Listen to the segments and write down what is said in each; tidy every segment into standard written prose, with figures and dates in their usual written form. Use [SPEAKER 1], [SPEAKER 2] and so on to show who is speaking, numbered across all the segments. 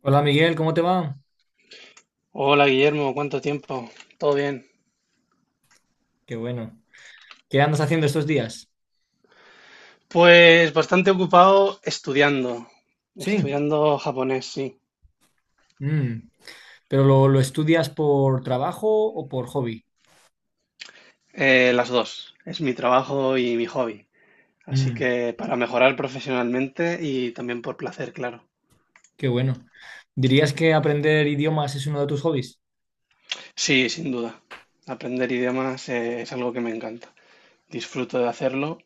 [SPEAKER 1] Hola Miguel, ¿cómo te va?
[SPEAKER 2] Hola Guillermo, ¿cuánto tiempo? ¿Todo bien?
[SPEAKER 1] Qué bueno. ¿Qué andas haciendo estos días?
[SPEAKER 2] Pues bastante ocupado estudiando,
[SPEAKER 1] Sí.
[SPEAKER 2] estudiando japonés, sí.
[SPEAKER 1] Mm. ¿Pero lo estudias por trabajo o por hobby?
[SPEAKER 2] Las dos, es mi trabajo y mi hobby. Así
[SPEAKER 1] Mm.
[SPEAKER 2] que para mejorar profesionalmente y también por placer, claro.
[SPEAKER 1] Qué bueno. ¿Dirías que aprender idiomas es uno de tus hobbies?
[SPEAKER 2] Sí, sin duda. Aprender idiomas es algo que me encanta. Disfruto de hacerlo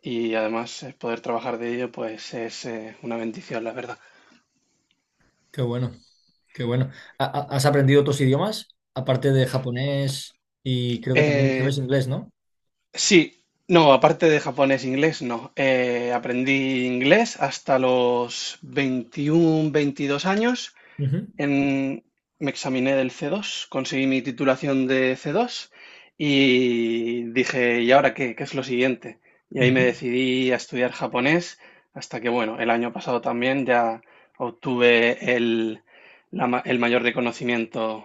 [SPEAKER 2] y además poder trabajar de ello pues es una bendición, la verdad.
[SPEAKER 1] Qué bueno, qué bueno. ¿Has aprendido otros idiomas? Aparte de japonés y creo que también
[SPEAKER 2] Eh,
[SPEAKER 1] sabes inglés, ¿no?
[SPEAKER 2] Sí, no, aparte de japonés, e inglés, no. Aprendí inglés hasta los 21, 22 años.
[SPEAKER 1] Ujú,
[SPEAKER 2] En- Me examiné del C2, conseguí mi titulación de C2 y dije, ¿y ahora qué? ¿Qué es lo siguiente? Y ahí me
[SPEAKER 1] ujú.
[SPEAKER 2] decidí a estudiar japonés hasta que, bueno, el año pasado también ya obtuve el mayor reconocimiento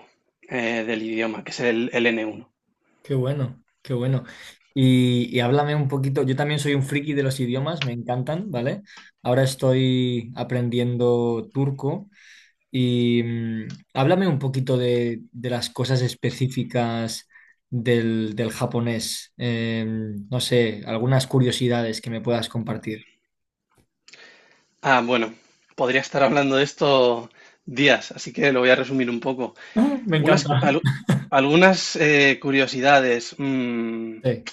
[SPEAKER 2] del idioma, que es el N1.
[SPEAKER 1] Qué bueno, qué bueno. Y háblame un poquito, yo también soy un friki de los idiomas, me encantan, ¿vale? Ahora estoy aprendiendo turco y háblame un poquito de las cosas específicas del japonés. No sé, algunas curiosidades que me puedas compartir.
[SPEAKER 2] Ah, bueno, podría estar hablando de esto días, así que lo voy a resumir un poco.
[SPEAKER 1] Me
[SPEAKER 2] Algunas, cu-
[SPEAKER 1] encanta.
[SPEAKER 2] alu- algunas curiosidades.
[SPEAKER 1] Sí.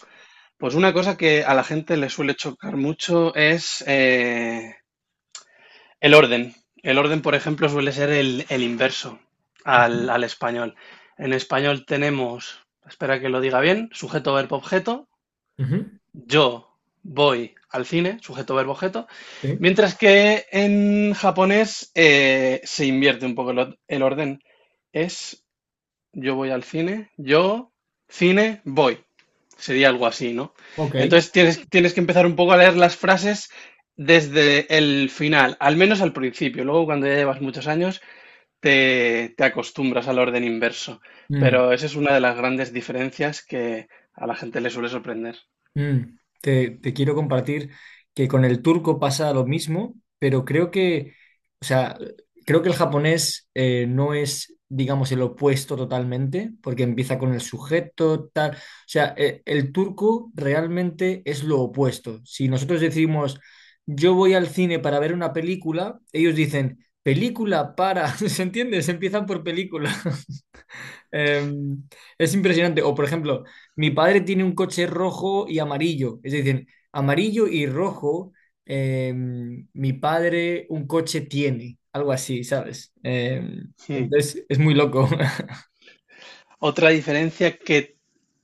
[SPEAKER 2] Pues una cosa que a la gente le suele chocar mucho es el orden. El orden, por ejemplo, suele ser el inverso
[SPEAKER 1] Ujú,
[SPEAKER 2] al español. En español tenemos, espera que lo diga bien, sujeto, verbo, objeto.
[SPEAKER 1] ujú,
[SPEAKER 2] Yo voy al cine, sujeto, verbo, objeto,
[SPEAKER 1] sí.
[SPEAKER 2] mientras que en japonés se invierte un poco el orden. Es yo voy al cine, yo, cine, voy. Sería algo así, ¿no?
[SPEAKER 1] Ok.
[SPEAKER 2] Entonces tienes que empezar un poco a leer las frases desde el final, al menos al principio. Luego, cuando ya llevas muchos años, te acostumbras al orden inverso.
[SPEAKER 1] Mm.
[SPEAKER 2] Pero esa es una de las grandes diferencias que a la gente le suele sorprender.
[SPEAKER 1] Mm, te quiero compartir que con el turco pasa lo mismo, pero creo que, o sea, creo que el japonés no es, digamos, el opuesto totalmente, porque empieza con el sujeto, tal. O sea, el turco realmente es lo opuesto. Si nosotros decimos, yo voy al cine para ver una película, ellos dicen, película para, ¿se entiende? Se empiezan por película. Eh, es impresionante. O, por ejemplo, mi padre tiene un coche rojo y amarillo. Es decir, amarillo y rojo, mi padre un coche tiene. Algo así, ¿sabes? Entonces, es muy loco.
[SPEAKER 2] Otra diferencia que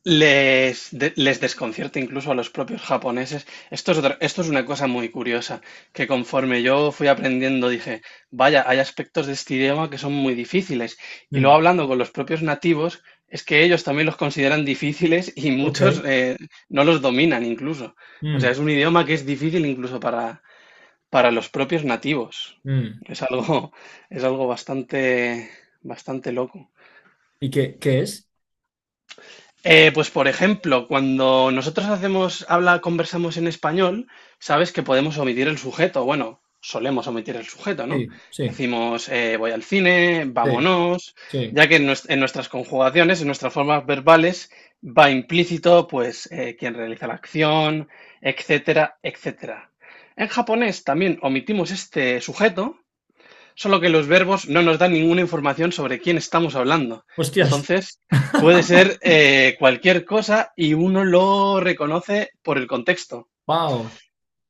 [SPEAKER 2] les desconcierta incluso a los propios japoneses. Esto es esto es una cosa muy curiosa, que conforme yo fui aprendiendo dije, vaya, hay aspectos de este idioma que son muy difíciles. Y
[SPEAKER 1] Mm,
[SPEAKER 2] luego hablando con los propios nativos, es que ellos también los consideran difíciles y
[SPEAKER 1] ok.
[SPEAKER 2] muchos no los dominan incluso. O sea, es
[SPEAKER 1] Mm,
[SPEAKER 2] un idioma que es difícil incluso para los propios nativos.
[SPEAKER 1] mm.
[SPEAKER 2] Es algo, es algo bastante, bastante loco.
[SPEAKER 1] ¿Y qué, qué es?
[SPEAKER 2] Pues por ejemplo, cuando nosotros conversamos en español, sabes que podemos omitir el sujeto. Bueno, solemos omitir el sujeto, ¿no?
[SPEAKER 1] Sí, sí,
[SPEAKER 2] Decimos, voy al cine,
[SPEAKER 1] sí,
[SPEAKER 2] vámonos,
[SPEAKER 1] sí.
[SPEAKER 2] ya que en nuestras conjugaciones, en nuestras formas verbales, va implícito, pues, quien realiza la acción, etcétera, etcétera. En japonés también omitimos este sujeto. Solo que los verbos no nos dan ninguna información sobre quién estamos hablando.
[SPEAKER 1] Hostias.
[SPEAKER 2] Entonces, puede ser cualquier cosa y uno lo reconoce por el contexto.
[SPEAKER 1] Wow.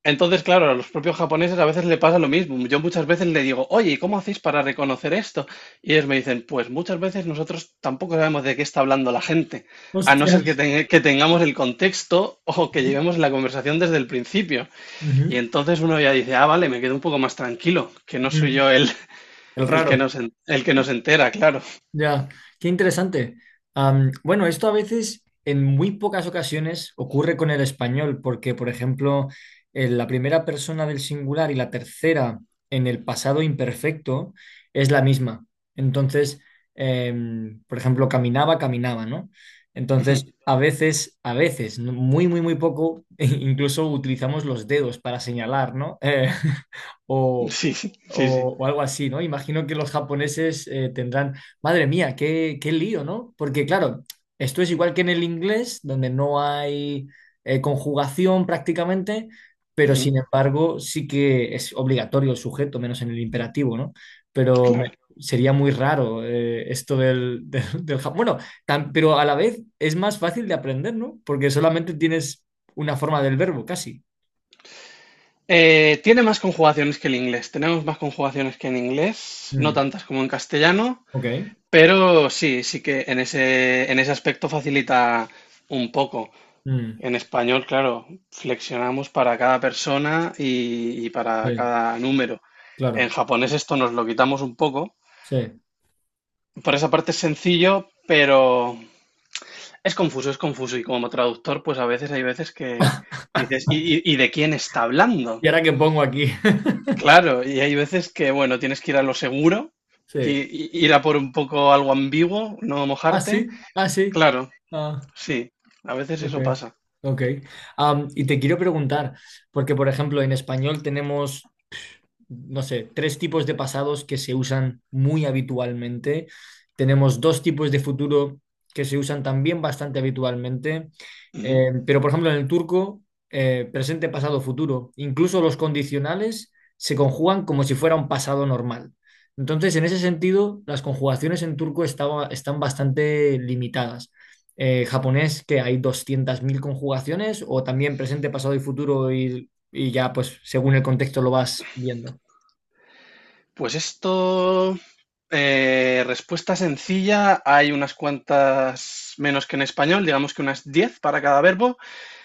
[SPEAKER 2] Entonces, claro, a los propios japoneses a veces le pasa lo mismo. Yo muchas veces le digo, oye, ¿y cómo hacéis para reconocer esto? Y ellos me dicen, pues muchas veces nosotros tampoco sabemos de qué está hablando la gente, a no ser que,
[SPEAKER 1] Hostias.
[SPEAKER 2] que tengamos el contexto o que
[SPEAKER 1] Ujú,
[SPEAKER 2] llevemos la conversación desde el principio.
[SPEAKER 1] ujú,
[SPEAKER 2] Y entonces uno ya dice, ah, vale, me quedo un poco más tranquilo, que no soy
[SPEAKER 1] ujú.
[SPEAKER 2] yo
[SPEAKER 1] El
[SPEAKER 2] el que
[SPEAKER 1] raro.
[SPEAKER 2] el que nos entera, claro.
[SPEAKER 1] Ya, qué interesante. Bueno, esto a veces, en muy pocas ocasiones, ocurre con el español, porque, por ejemplo, en la primera persona del singular y la tercera en el pasado imperfecto es la misma. Entonces, por ejemplo, caminaba, caminaba, ¿no? Entonces, a veces, muy, muy, muy poco, incluso utilizamos los dedos para señalar, ¿no?
[SPEAKER 2] Ujú. Sí, sí, sí, sí.
[SPEAKER 1] O, o algo así, ¿no? Imagino que los japoneses tendrán, madre mía, qué, qué lío, ¿no? Porque claro, esto es igual que en el inglés, donde no hay conjugación prácticamente, pero
[SPEAKER 2] Ujú.
[SPEAKER 1] sin embargo sí que es obligatorio el sujeto, menos en el imperativo, ¿no? Pero me-
[SPEAKER 2] Claro.
[SPEAKER 1] sería muy raro esto del, Bueno, pero a la vez es más fácil de aprender, ¿no? Porque solamente tienes una forma del verbo, casi.
[SPEAKER 2] Tiene más conjugaciones que el inglés. Tenemos más conjugaciones que en inglés, no
[SPEAKER 1] Mm,
[SPEAKER 2] tantas como en castellano,
[SPEAKER 1] ok.
[SPEAKER 2] pero sí, sí que en en ese aspecto facilita un poco.
[SPEAKER 1] Mm,
[SPEAKER 2] En español, claro, flexionamos para cada persona y para
[SPEAKER 1] sí,
[SPEAKER 2] cada número. En
[SPEAKER 1] claro.
[SPEAKER 2] japonés esto nos lo quitamos un poco.
[SPEAKER 1] Sí.
[SPEAKER 2] Por esa parte es sencillo, pero es confuso, es confuso. Y como traductor, pues a veces hay veces que dices, y de quién está
[SPEAKER 1] ¿Y
[SPEAKER 2] hablando?
[SPEAKER 1] ahora qué pongo aquí?
[SPEAKER 2] Claro, y hay veces que, bueno, tienes que ir a lo seguro, que
[SPEAKER 1] Sí.
[SPEAKER 2] ir a por un poco algo ambiguo, no
[SPEAKER 1] Ah,
[SPEAKER 2] mojarte.
[SPEAKER 1] sí, ah, sí.
[SPEAKER 2] Claro,
[SPEAKER 1] Ah,
[SPEAKER 2] sí, a veces
[SPEAKER 1] ok,
[SPEAKER 2] eso pasa.
[SPEAKER 1] ok. Y te quiero preguntar, porque por ejemplo en español tenemos no sé, tres tipos de pasados que se usan muy habitualmente. Tenemos dos tipos de futuro que se usan también bastante habitualmente.
[SPEAKER 2] Ujú.
[SPEAKER 1] Pero, por ejemplo, en el turco, presente, pasado, futuro, incluso los condicionales se conjugan como si fuera un pasado normal. Entonces, en ese sentido, las conjugaciones en turco están bastante limitadas. Japonés, que hay 200.000 conjugaciones, o también presente, pasado y futuro, y ya, pues, según el contexto lo vas viendo.
[SPEAKER 2] Pues esto, respuesta sencilla, hay unas cuantas menos que en español, digamos que unas 10 para cada verbo.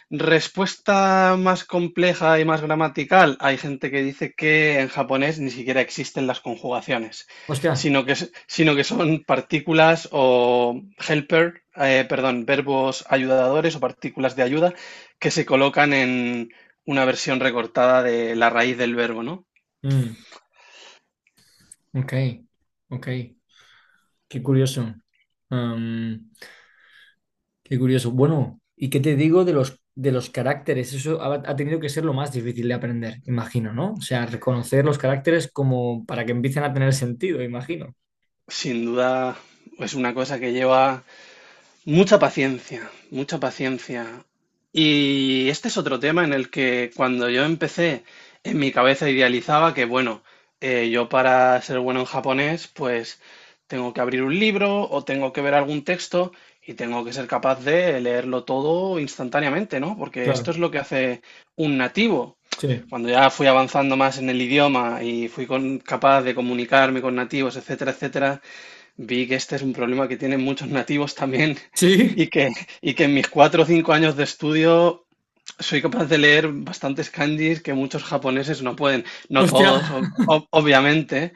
[SPEAKER 2] Respuesta más compleja y más gramatical. Hay gente que dice que en japonés ni siquiera existen las conjugaciones,
[SPEAKER 1] Hostia.
[SPEAKER 2] sino que, sino que son partículas o helper, perdón, verbos ayudadores o partículas de ayuda que se colocan en una versión recortada de la raíz del verbo, ¿no?
[SPEAKER 1] Mm, ok, ok. Qué curioso. Am, Qué curioso. Bueno, ¿y qué te digo de los caracteres? Eso ha tenido que ser lo más difícil de aprender, imagino, ¿no? O sea, reconocer los caracteres como para que empiecen a tener sentido, imagino.
[SPEAKER 2] Sin duda es una cosa que lleva mucha paciencia, mucha paciencia. Y este es otro tema en el que cuando yo empecé, en mi cabeza idealizaba que, bueno, yo para ser bueno en japonés, pues tengo que abrir un libro o tengo que ver algún texto y tengo que ser capaz de leerlo todo instantáneamente, ¿no? Porque esto
[SPEAKER 1] Claro,
[SPEAKER 2] es lo que hace un nativo.
[SPEAKER 1] sí.
[SPEAKER 2] Cuando ya fui avanzando más en el idioma y fui capaz de comunicarme con nativos, etcétera, etcétera, vi que este es un problema que tienen muchos nativos también
[SPEAKER 1] Sí,
[SPEAKER 2] y que, y que en mis cuatro o cinco años de estudio soy capaz de leer bastantes kanjis que muchos japoneses no pueden. No
[SPEAKER 1] hostia.
[SPEAKER 2] todos, obviamente,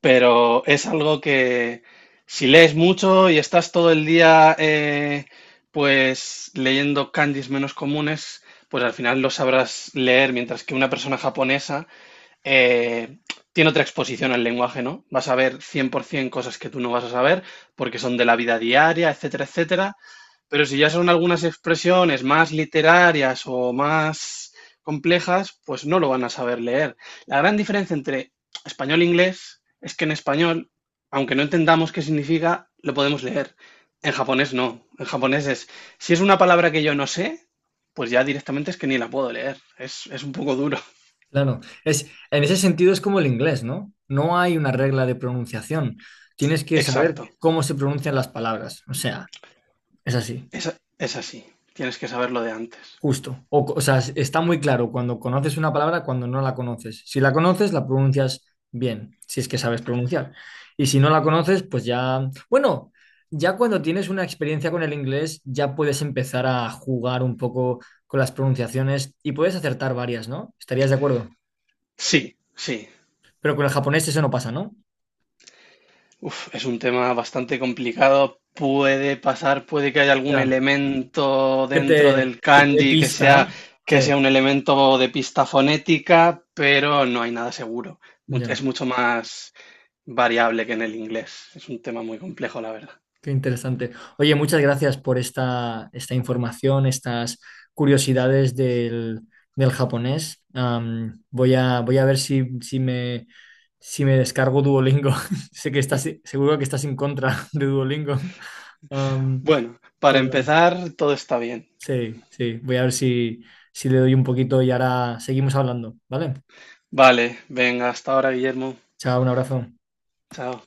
[SPEAKER 2] pero es algo que si lees mucho y estás todo el día pues leyendo kanjis menos comunes, pues al final lo sabrás leer, mientras que una persona japonesa eh, tiene otra exposición al lenguaje, ¿no? Vas a ver 100% cosas que tú no vas a saber porque son de la vida diaria, etcétera, etcétera. Pero si ya son algunas expresiones más literarias o más complejas, pues no lo van a saber leer. La gran diferencia entre español e inglés es que en español, aunque no entendamos qué significa, lo podemos leer. En japonés no. En japonés es, si es una palabra que yo no sé, pues ya directamente es que ni la puedo leer. Es un poco duro.
[SPEAKER 1] Claro, es, en ese sentido es como el inglés, ¿no? No hay una regla de pronunciación. Tienes que saber
[SPEAKER 2] Exacto.
[SPEAKER 1] cómo se pronuncian las palabras. O sea, es así.
[SPEAKER 2] Es, es así, tienes que saberlo de antes.
[SPEAKER 1] Justo. O sea, está muy claro cuando conoces una palabra, cuando no la conoces. Si la conoces, la pronuncias bien, si es que sabes pronunciar. Y si no la conoces, pues ya... Bueno, ya cuando tienes una experiencia con el inglés, ya puedes empezar a jugar un poco con las pronunciaciones y puedes acertar varias, ¿no? ¿Estarías de acuerdo?
[SPEAKER 2] Sí, sí.
[SPEAKER 1] Pero con el japonés eso no pasa, ¿no?
[SPEAKER 2] Uf, es un tema bastante complicado. Puede pasar, puede que haya algún
[SPEAKER 1] Ya,
[SPEAKER 2] elemento dentro del
[SPEAKER 1] que te dé
[SPEAKER 2] kanji
[SPEAKER 1] pista, ¿no? Sí,
[SPEAKER 2] que sea un elemento de pista fonética, pero no hay nada seguro. Es
[SPEAKER 1] ya.
[SPEAKER 2] mucho más variable que en el inglés. Es un tema muy complejo, la verdad.
[SPEAKER 1] Qué interesante. Oye, muchas gracias por esta, esta información, estas curiosidades del, del japonés. Voy a, voy a ver si me, si me descargo Duolingo. Sé que estás, seguro que estás en contra de Duolingo. Am,
[SPEAKER 2] Bueno, para
[SPEAKER 1] pero
[SPEAKER 2] empezar, todo está bien.
[SPEAKER 1] sí, sí, voy a ver si, si le doy un poquito y ahora seguimos hablando, ¿vale?
[SPEAKER 2] Vale, venga, hasta ahora, Guillermo.
[SPEAKER 1] Chao, un abrazo.
[SPEAKER 2] Chao.